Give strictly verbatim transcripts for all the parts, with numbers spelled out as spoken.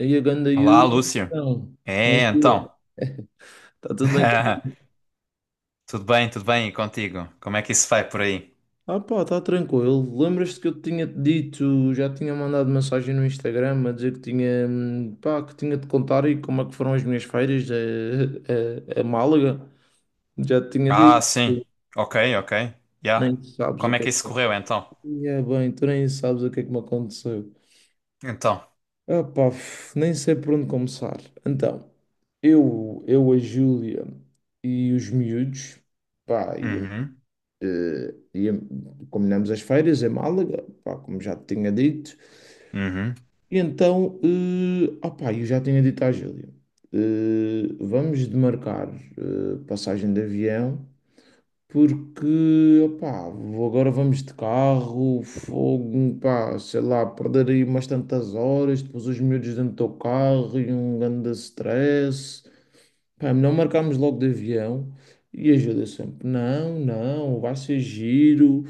Aí a ganda Olá, Yuri, Lúcio. então, como é É, que então. é? Está tudo bem? contigo? Tudo bem, tudo bem, e contigo? Como é que isso vai por aí? Ah pá, está tranquilo. Lembras-te que eu te tinha dito, já tinha mandado mensagem no Instagram a dizer que tinha, hum, pá, que tinha de contar e como é que foram as minhas férias a, a, a Málaga? Já te tinha Ah, dito, sim. Ok, ok. Yeah. nem sabes o Como é que é que isso correu então? que é bem, tu nem sabes o que é que me aconteceu. Então. Ah pá, f- nem sei por onde começar. Então, eu, eu, a Júlia e os miúdos, pá, e Uhum. Eh, ia- combinamos as feiras em Málaga, pá, como já te tinha dito. Uhum. E então, eh, ah eu já tinha dito à Júlia, eh, vamos demarcar eh, passagem de avião, porque, opá, vou- agora vamos de carro, fogo, pá, sei lá, perder aí umas tantas horas, depois os miúdos dentro do carro e um grande stress. Pá, não marcámos logo de avião e ajuda sempre. Não, não, vai ser giro.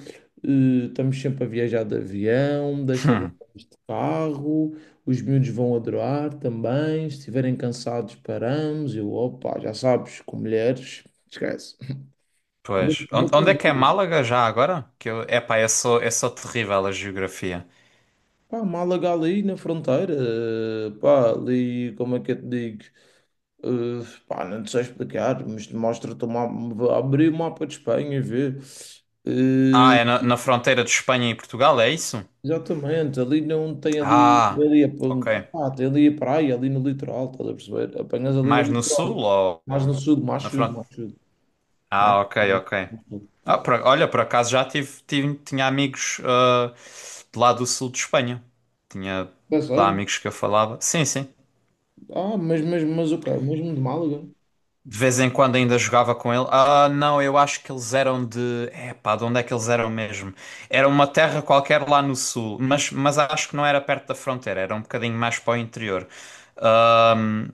eh, Estamos sempre a viajar de avião, desta vez Hum. de carro. Os miúdos vão adorar também. Se estiverem cansados, paramos. Eu, opa, já sabes, com mulheres, esquece. Ainda Pois. por On- cima com Onde é que é os... Málaga já agora? Que eu, epá, eu sou, eu sou terrível a geografia. Pá, Málaga ali na fronteira, eh, pá, ali, como é que eu te digo? Eh, pá, não te sei explicar, mas mostra-te o mapa- abrir o mapa de Espanha e ver. Ah, Eh, é na, na fronteira de Espanha e Portugal, é isso? Exatamente, ali não tem ali, Ah, ali, ok. a- ah, tem ali a praia, ali no litoral, estás a perceber? Apanhas ali o Mais no sul litoral, ou mais no ou sul, mais na sul, fronteira? mais sul, mais Ah, ok, sul. ok. Mais Ah, sul. Por- olha, por acaso já tive, tive- tinha amigos ah, de lá do sul de Espanha. Tinha É lá sério? amigos que eu falava. Sim, sim. Ah, mas, mas, mas ok, mesmo de Málaga? De vez em quando ainda jogava com ele. Ah, não, eu acho que eles eram de. É pá, de onde é que eles eram mesmo? Era uma terra qualquer lá no sul, mas, mas acho que não era perto da fronteira, era um bocadinho mais para o interior. Ahm,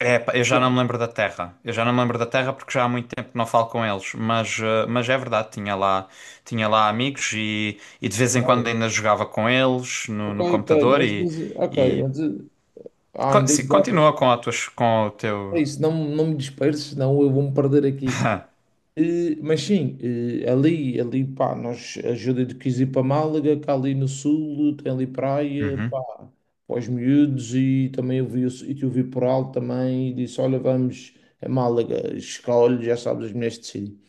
é pá, eu já não Não, me lembro da terra. Eu já não me lembro da terra porque já há muito tempo que não falo com eles, mas, ah, mas é verdade, tinha lá, tinha lá amigos e, e de vez em quando ainda jogava com eles no, ok, no ok, computador mas e, diz, ok, e... mas, eh, ah, co- em 10 se- horas. continua com, a tuas, com o teu. É isso, não, não me disperses, senão eu vou-me perder aqui. Eh, mas sim, eh, ali, ali, pá, nós, a Júlia de quis ir para Málaga, que ali no sul tem ali praia, pá, Uhum, para os miúdos e também eu vi, o- e eu vi por alto também e disse, olha, vamos a Málaga, escolhe, já sabes, as mulheres decidem.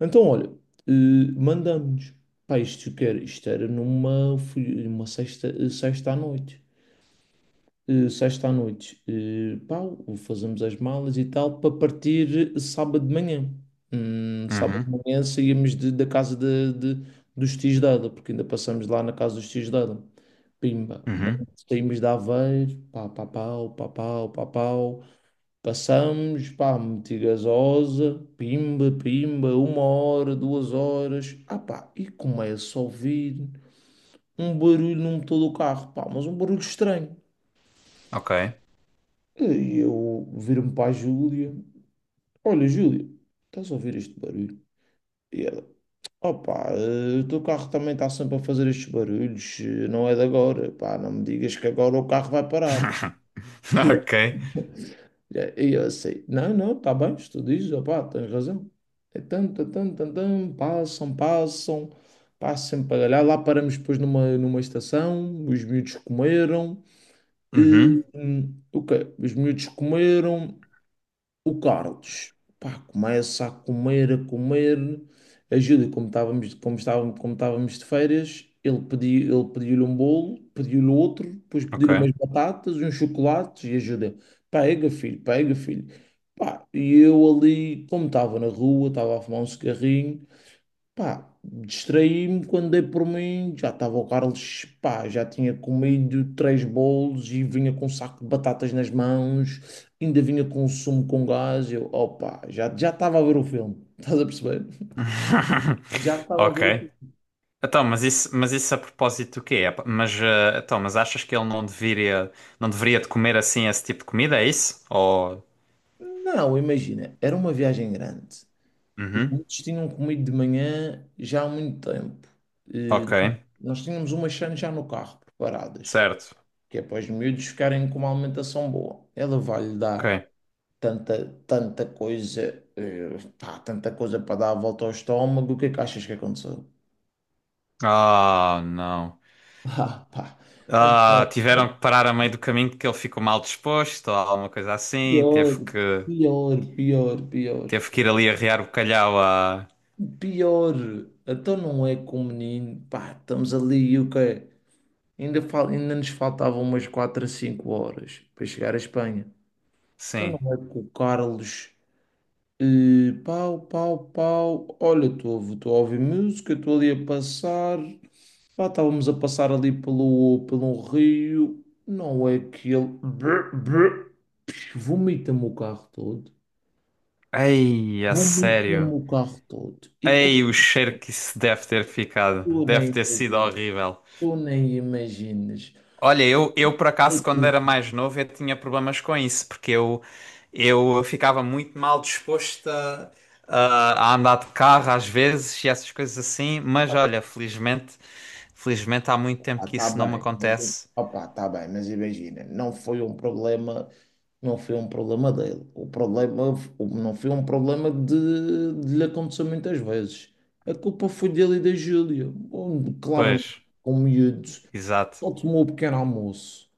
Então, olha, eh, mandamos, pá, isto, que era- isto era numa, fui- numa sexta, eh, sexta à noite eh, sexta à noite, eh, pá, fazemos as malas e tal, para partir sábado de manhã. Hum, sábado de uhum, manhã saímos de- da casa de, de- dos tios dela, porque ainda passamos lá na casa dos tios dela. Pimba, mano, uhum. saímos de Aveiro, pá, pá, pau, pá, pau, pá, pau. Passamos, pá, meti gasosa, pimba, pimba, uma hora, duas horas. Ah, pá, e começa a ouvir um barulho no motor do carro, pá, mas um barulho estranho. Ok. E eu viro-me para a Júlia. Olha, Júlia, estás a ouvir este barulho? E ela, opá, eh, o teu carro também está sempre a fazer estes barulhos, eh, não é de agora, pá, não me digas que agora o carro vai parar. Ok. E eu, e eu assim, não, não, está bem, se tu dizes, opá, tens razão. É tan, tan, tan, tan, tan, passam, passam, passam sempre para lá, lá paramos depois numa, numa estação, os miúdos comeram, e, Uhum. hum, o quê? Os miúdos comeram. O Carlos, pá, começa a comer, a comer. A Júlia, como estávamos, como estávamos, como estávamos de férias, ele pediu, ele pediu-lhe um bolo, pediu-lhe outro, depois Ok. pediu-lhe umas batatas, uns chocolates e a Júlia, pega filho, pega filho. Pá, e eu ali, como estava na rua, estava a fumar um cigarrinho, pá, distraí-me quando dei por mim, já estava o Carlos, pá, já tinha comido três bolos e vinha com um saco de batatas nas mãos, ainda vinha com um sumo com gás, eu, opa, já já estava a ver o filme, estás a perceber? Já estava a ver o Ok. filme. Então, mas isso, mas isso a propósito do quê? É pa- Mas, eh, então, mas achas que ele não deveria, não deveria de comer assim esse tipo de comida, é isso? Ou... Não, imagina, era uma viagem grande. Os Uhum. miúdos tinham comido de manhã já há muito tempo. Ok. Eh, Nós tínhamos umas chances já no carro preparadas, Certo. que é para os miúdos ficarem com uma alimentação boa. Ela vai-lhe dar. Ok. Tanta, tanta coisa, eh, pá, tanta coisa para dar a volta ao estômago, o que é que achas que aconteceu? Ah, não. Ah, pá, Ah, então, tiveram que parar a meio do caminho porque ele ficou mal disposto ou alguma coisa assim. pior, Teve que, pior, pior, pior, teve que ir ali arrear o calhau a... pior, então não é com o menino, pá, estamos ali e o quê? Ainda, fal, ainda nos faltavam umas quatro a cinco horas para chegar à Espanha. Então Sim. não é com o Carlos. Eh, pau, pau, pau. Olha, estou a ouvir música, estou ali a passar. Pá, estávamos a passar ali pelo, pelo rio, não é que ele brr, brr, psh, vomita-me o carro todo, Ei, a vomita-me sério. o carro todo. E quando Ei, o cheiro que isso deve ter ficado. tu nem Deve ter sido imaginas, horrível. tu nem imaginas, Olha, eu, eu por é acaso, quando era que, mais novo, eu tinha problemas com isso, porque eu, eu ficava muito mal disposto a, a- a andar de carro às vezes e essas coisas assim, mas olha, felizmente, felizmente há muito tempo pá, que tá isso não me bem, mas acontece. opa, tá bem, mas imagina, não foi um problema, não foi um problema dele, o problema f- o- não foi um problema de, de lhe acontecer muitas vezes. A culpa foi dele e da Júlia, onde Pois, claramente com miúdos. exato. Só tomou o pequeno almoço.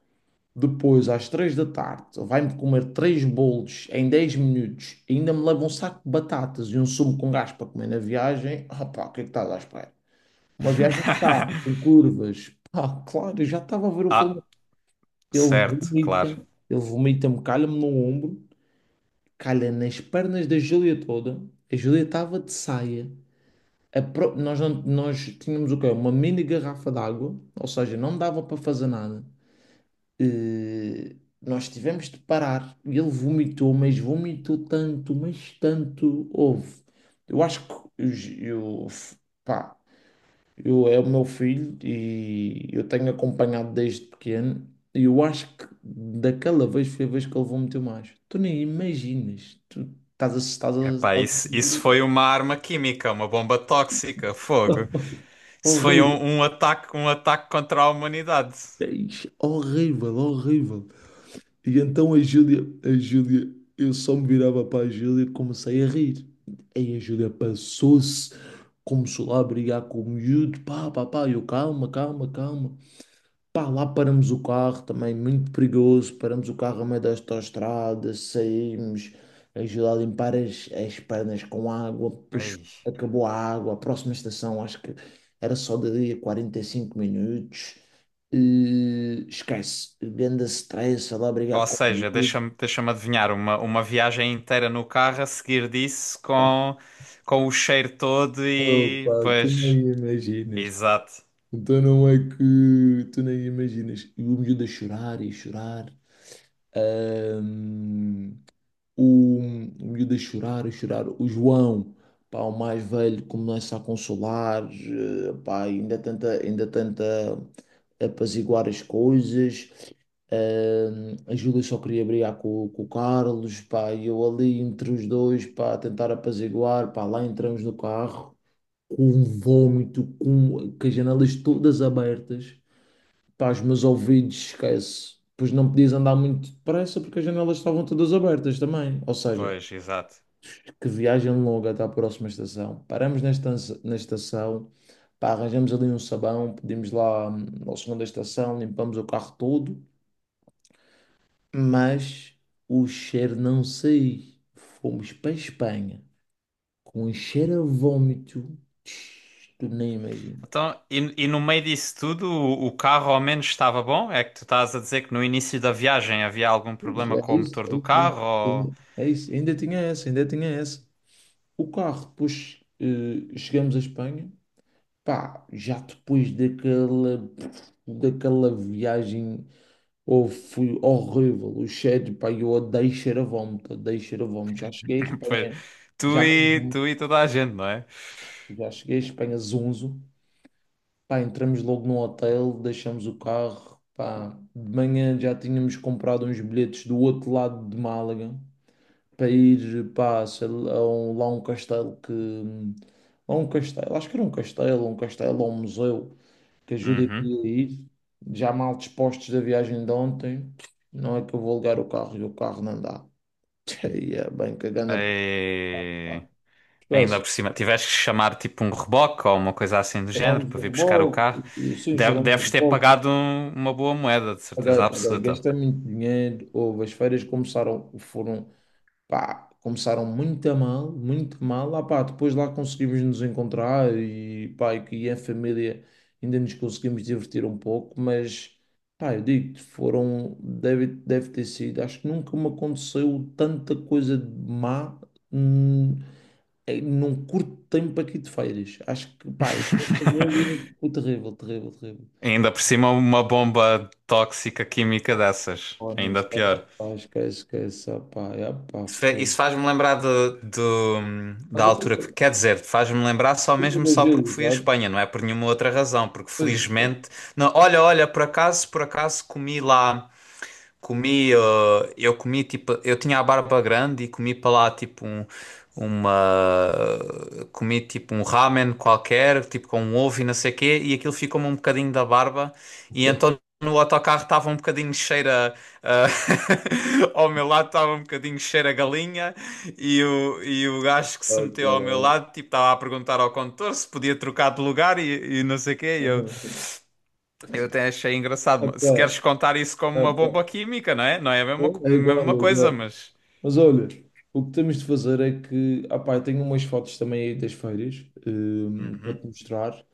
Depois, às três da tarde, vai-me comer três bolos em dez minutos. Ainda me leva um saco de batatas e um sumo com gás para comer na viagem. Ah, pá, o que é que estás à espera? Uma viagem que está com curvas. Ah, claro, eu já estava a ver o filme. Ah, Ele certo, vomita, claro. ele vomita-me, calha-me no ombro, calha nas pernas da Júlia toda. A Júlia estava de saia. A pro- Nós, não- nós tínhamos o quê? Uma mini garrafa d'água, ou seja, não dava para fazer nada. Eh, nós tivemos de parar. E ele vomitou, mas vomitou tanto, mas tanto. Houve. Eu acho que eu, eu, f- pá, eu é o meu filho e eu tenho acompanhado desde pequeno. E eu acho que daquela vez foi a vez que ele vomitou mais. Tu nem imaginas. Tu estás a. Estás a, Epá, estás isso, isso foi a... uma arma química, uma bomba tóxica, fogo. Isso foi Horrível, um, um ataque, um ataque contra a humanidade. horrível, horrível. E então a Júlia, a Júlia, eu só me virava para a Júlia e comecei a rir. Aí a Júlia passou-se, começou lá a brigar com o miúdo, pá, pá, pá, eu calma, calma, calma. Pá, lá paramos o carro, também muito perigoso, paramos o carro a meio da autoestrada, saímos, ajudar a limpar as, as pernas com água, depois Ei. acabou a água, a próxima estação acho que era só dali a 45 minutos, e, esquece, grande stress, lá brigar Ou com o seja, miúdo. deixa-me deixa-me adivinhar, uma, uma viagem inteira no carro a seguir disso com, com o cheiro todo e... Opa, tu não Pois, imaginas. exato. Então não é que tu nem imaginas. E o miúdo a chorar e a chorar. Ahm, o, o miúdo a chorar, a chorar. O João, pá, o mais velho, começa a consolar, eh, pá, ainda tenta, ainda tenta apaziguar as coisas. Ahm, a Júlia só queria brigar com, com o Carlos, pá, e eu ali entre os dois, pá, a tentar apaziguar, pá, lá entramos no carro, com um vômito, com, com as janelas todas abertas, pá, os meus ouvidos, esquece. Pois não podias andar muito depressa porque as janelas estavam todas abertas também. Ou seja, Pois, exato. que viagem longa até à próxima estação. Paramos nesta estan- na estação, pá, arranjamos ali um sabão, pedimos lá hum, ao senhor da estação, limpamos o carro todo, mas o cheiro não sei. Fomos para a Espanha com um cheiro a vómito. Tch, tu nem imaginas. Então, e, e no meio disso tudo, o, o carro ao menos estava bom? É que tu estás a dizer que no início da viagem havia algum Puxa, problema com é o isso, motor é do isso, é isso. carro? Ou... Ainda- É isso. Ainda tinha essa, ainda tinha essa. O carro, depois eh, chegamos à Espanha, pá, já depois daquela, daquela viagem, oh, foi horrível. O cheiro, pá, eu odeio cheiro a vómito, odeio cheiro a vómito. Já cheguei à Pois, Espanha, tu já, e, mesmo- tu e toda a gente, não é? já cheguei à Espanha zonzo. Pá, entramos logo no hotel, deixamos o carro. Pá, de manhã já tínhamos comprado uns bilhetes do outro lado de Málaga para ir, pá, sei lá, a um- lá a um castelo que... hum, lá a um castelo, acho que era um castelo, um castelo ou um museu. Que ajudem a Uhum. ir, já mal dispostos da viagem de ontem, não é que eu vou ligar o carro e o carro não dá. E é bem cagando a pá. Ei. Ainda Esquece, por cima, tiveste que chamar tipo um reboque ou uma coisa assim do género chamamos para o vir buscar o reboco, carro. sim, Deve- chamamos o Deves ter reboco. pagado um- uma boa moeda, de Paguei, certeza paguei, absoluta. gastei muito dinheiro, houve, as feiras começaram, foram pá, começaram muito a mal, muito a mal. Ah, pá, depois lá conseguimos nos encontrar e, pá, e que em família ainda nos conseguimos divertir um pouco, mas, pá, eu digo-te, foram, deve, deve ter sido, acho que nunca me aconteceu tanta coisa de má. hum, em- Num curto tempo aqui de férias, acho que, pá, a minha família foi terrível, terrível, terrível. Ainda por cima, uma bomba tóxica química dessas. Ó, Ainda aniversário, pior. pá, esquece, esquece, ah, pá, é, pá, Isso fe- foda. isso faz-me lembrar do, do- Mas da a altura culpa, a que. Quer dizer, faz-me lembrar só culpa mesmo da só porque Júlia, fui à sabe? Espanha, não é por nenhuma outra razão. Porque Pois, felizmente. Não, olha, olha, por acaso, por acaso comi lá. Comi, uh, eu comi tipo, eu tinha a barba grande e comi para lá tipo um, uma, comi tipo um ramen qualquer, tipo com um ovo e não sei o quê, e aquilo ficou-me um bocadinho da barba, e então no autocarro estava um bocadinho cheiro a, a- ao meu lado estava um bocadinho cheiro a galinha, e o, e o gajo que se ah, meteu ao meu caralho. lado, tipo, estava a perguntar ao condutor se podia trocar de lugar e, e não sei o quê, eu até achei engraçado. Mas se queres Epá, contar isso como uma epá. bomba química, não é? Não é a mesma, co- É igual, mesma é coisa, igual. mas. Mas olha, o que temos de fazer é que, ah pá, eu tenho umas fotos também aí das feiras, eh, para te Uhum. mostrar.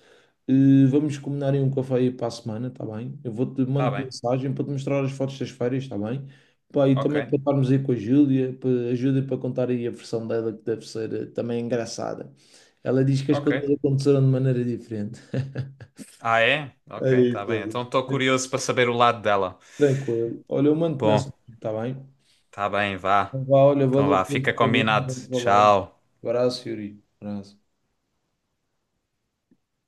Eh, vamos combinar em um café aí para a semana, tá bem? Eu vou-te Tá mando bem. mensagem para te mostrar as fotos das feiras, tá bem? Pá, e também para Ok. estarmos aí com a Júlia, para, a Júlia para contar aí a versão dela, que deve ser eh, também engraçada. Ela diz que as Ok. coisas aconteceram de maneira diferente. Ah, é? É Ok, tá isso, é bem. Então estou isso. curioso para saber o lado dela. Tranquilo. Olha, eu mando-te Bom, mensagem, está bem? tá bem, vá. Então vá, olha, Então valeu vá, pelo fica bocadinho, combinado. mando-te valendo. Tchau. Abraço, Yuri. Abraço.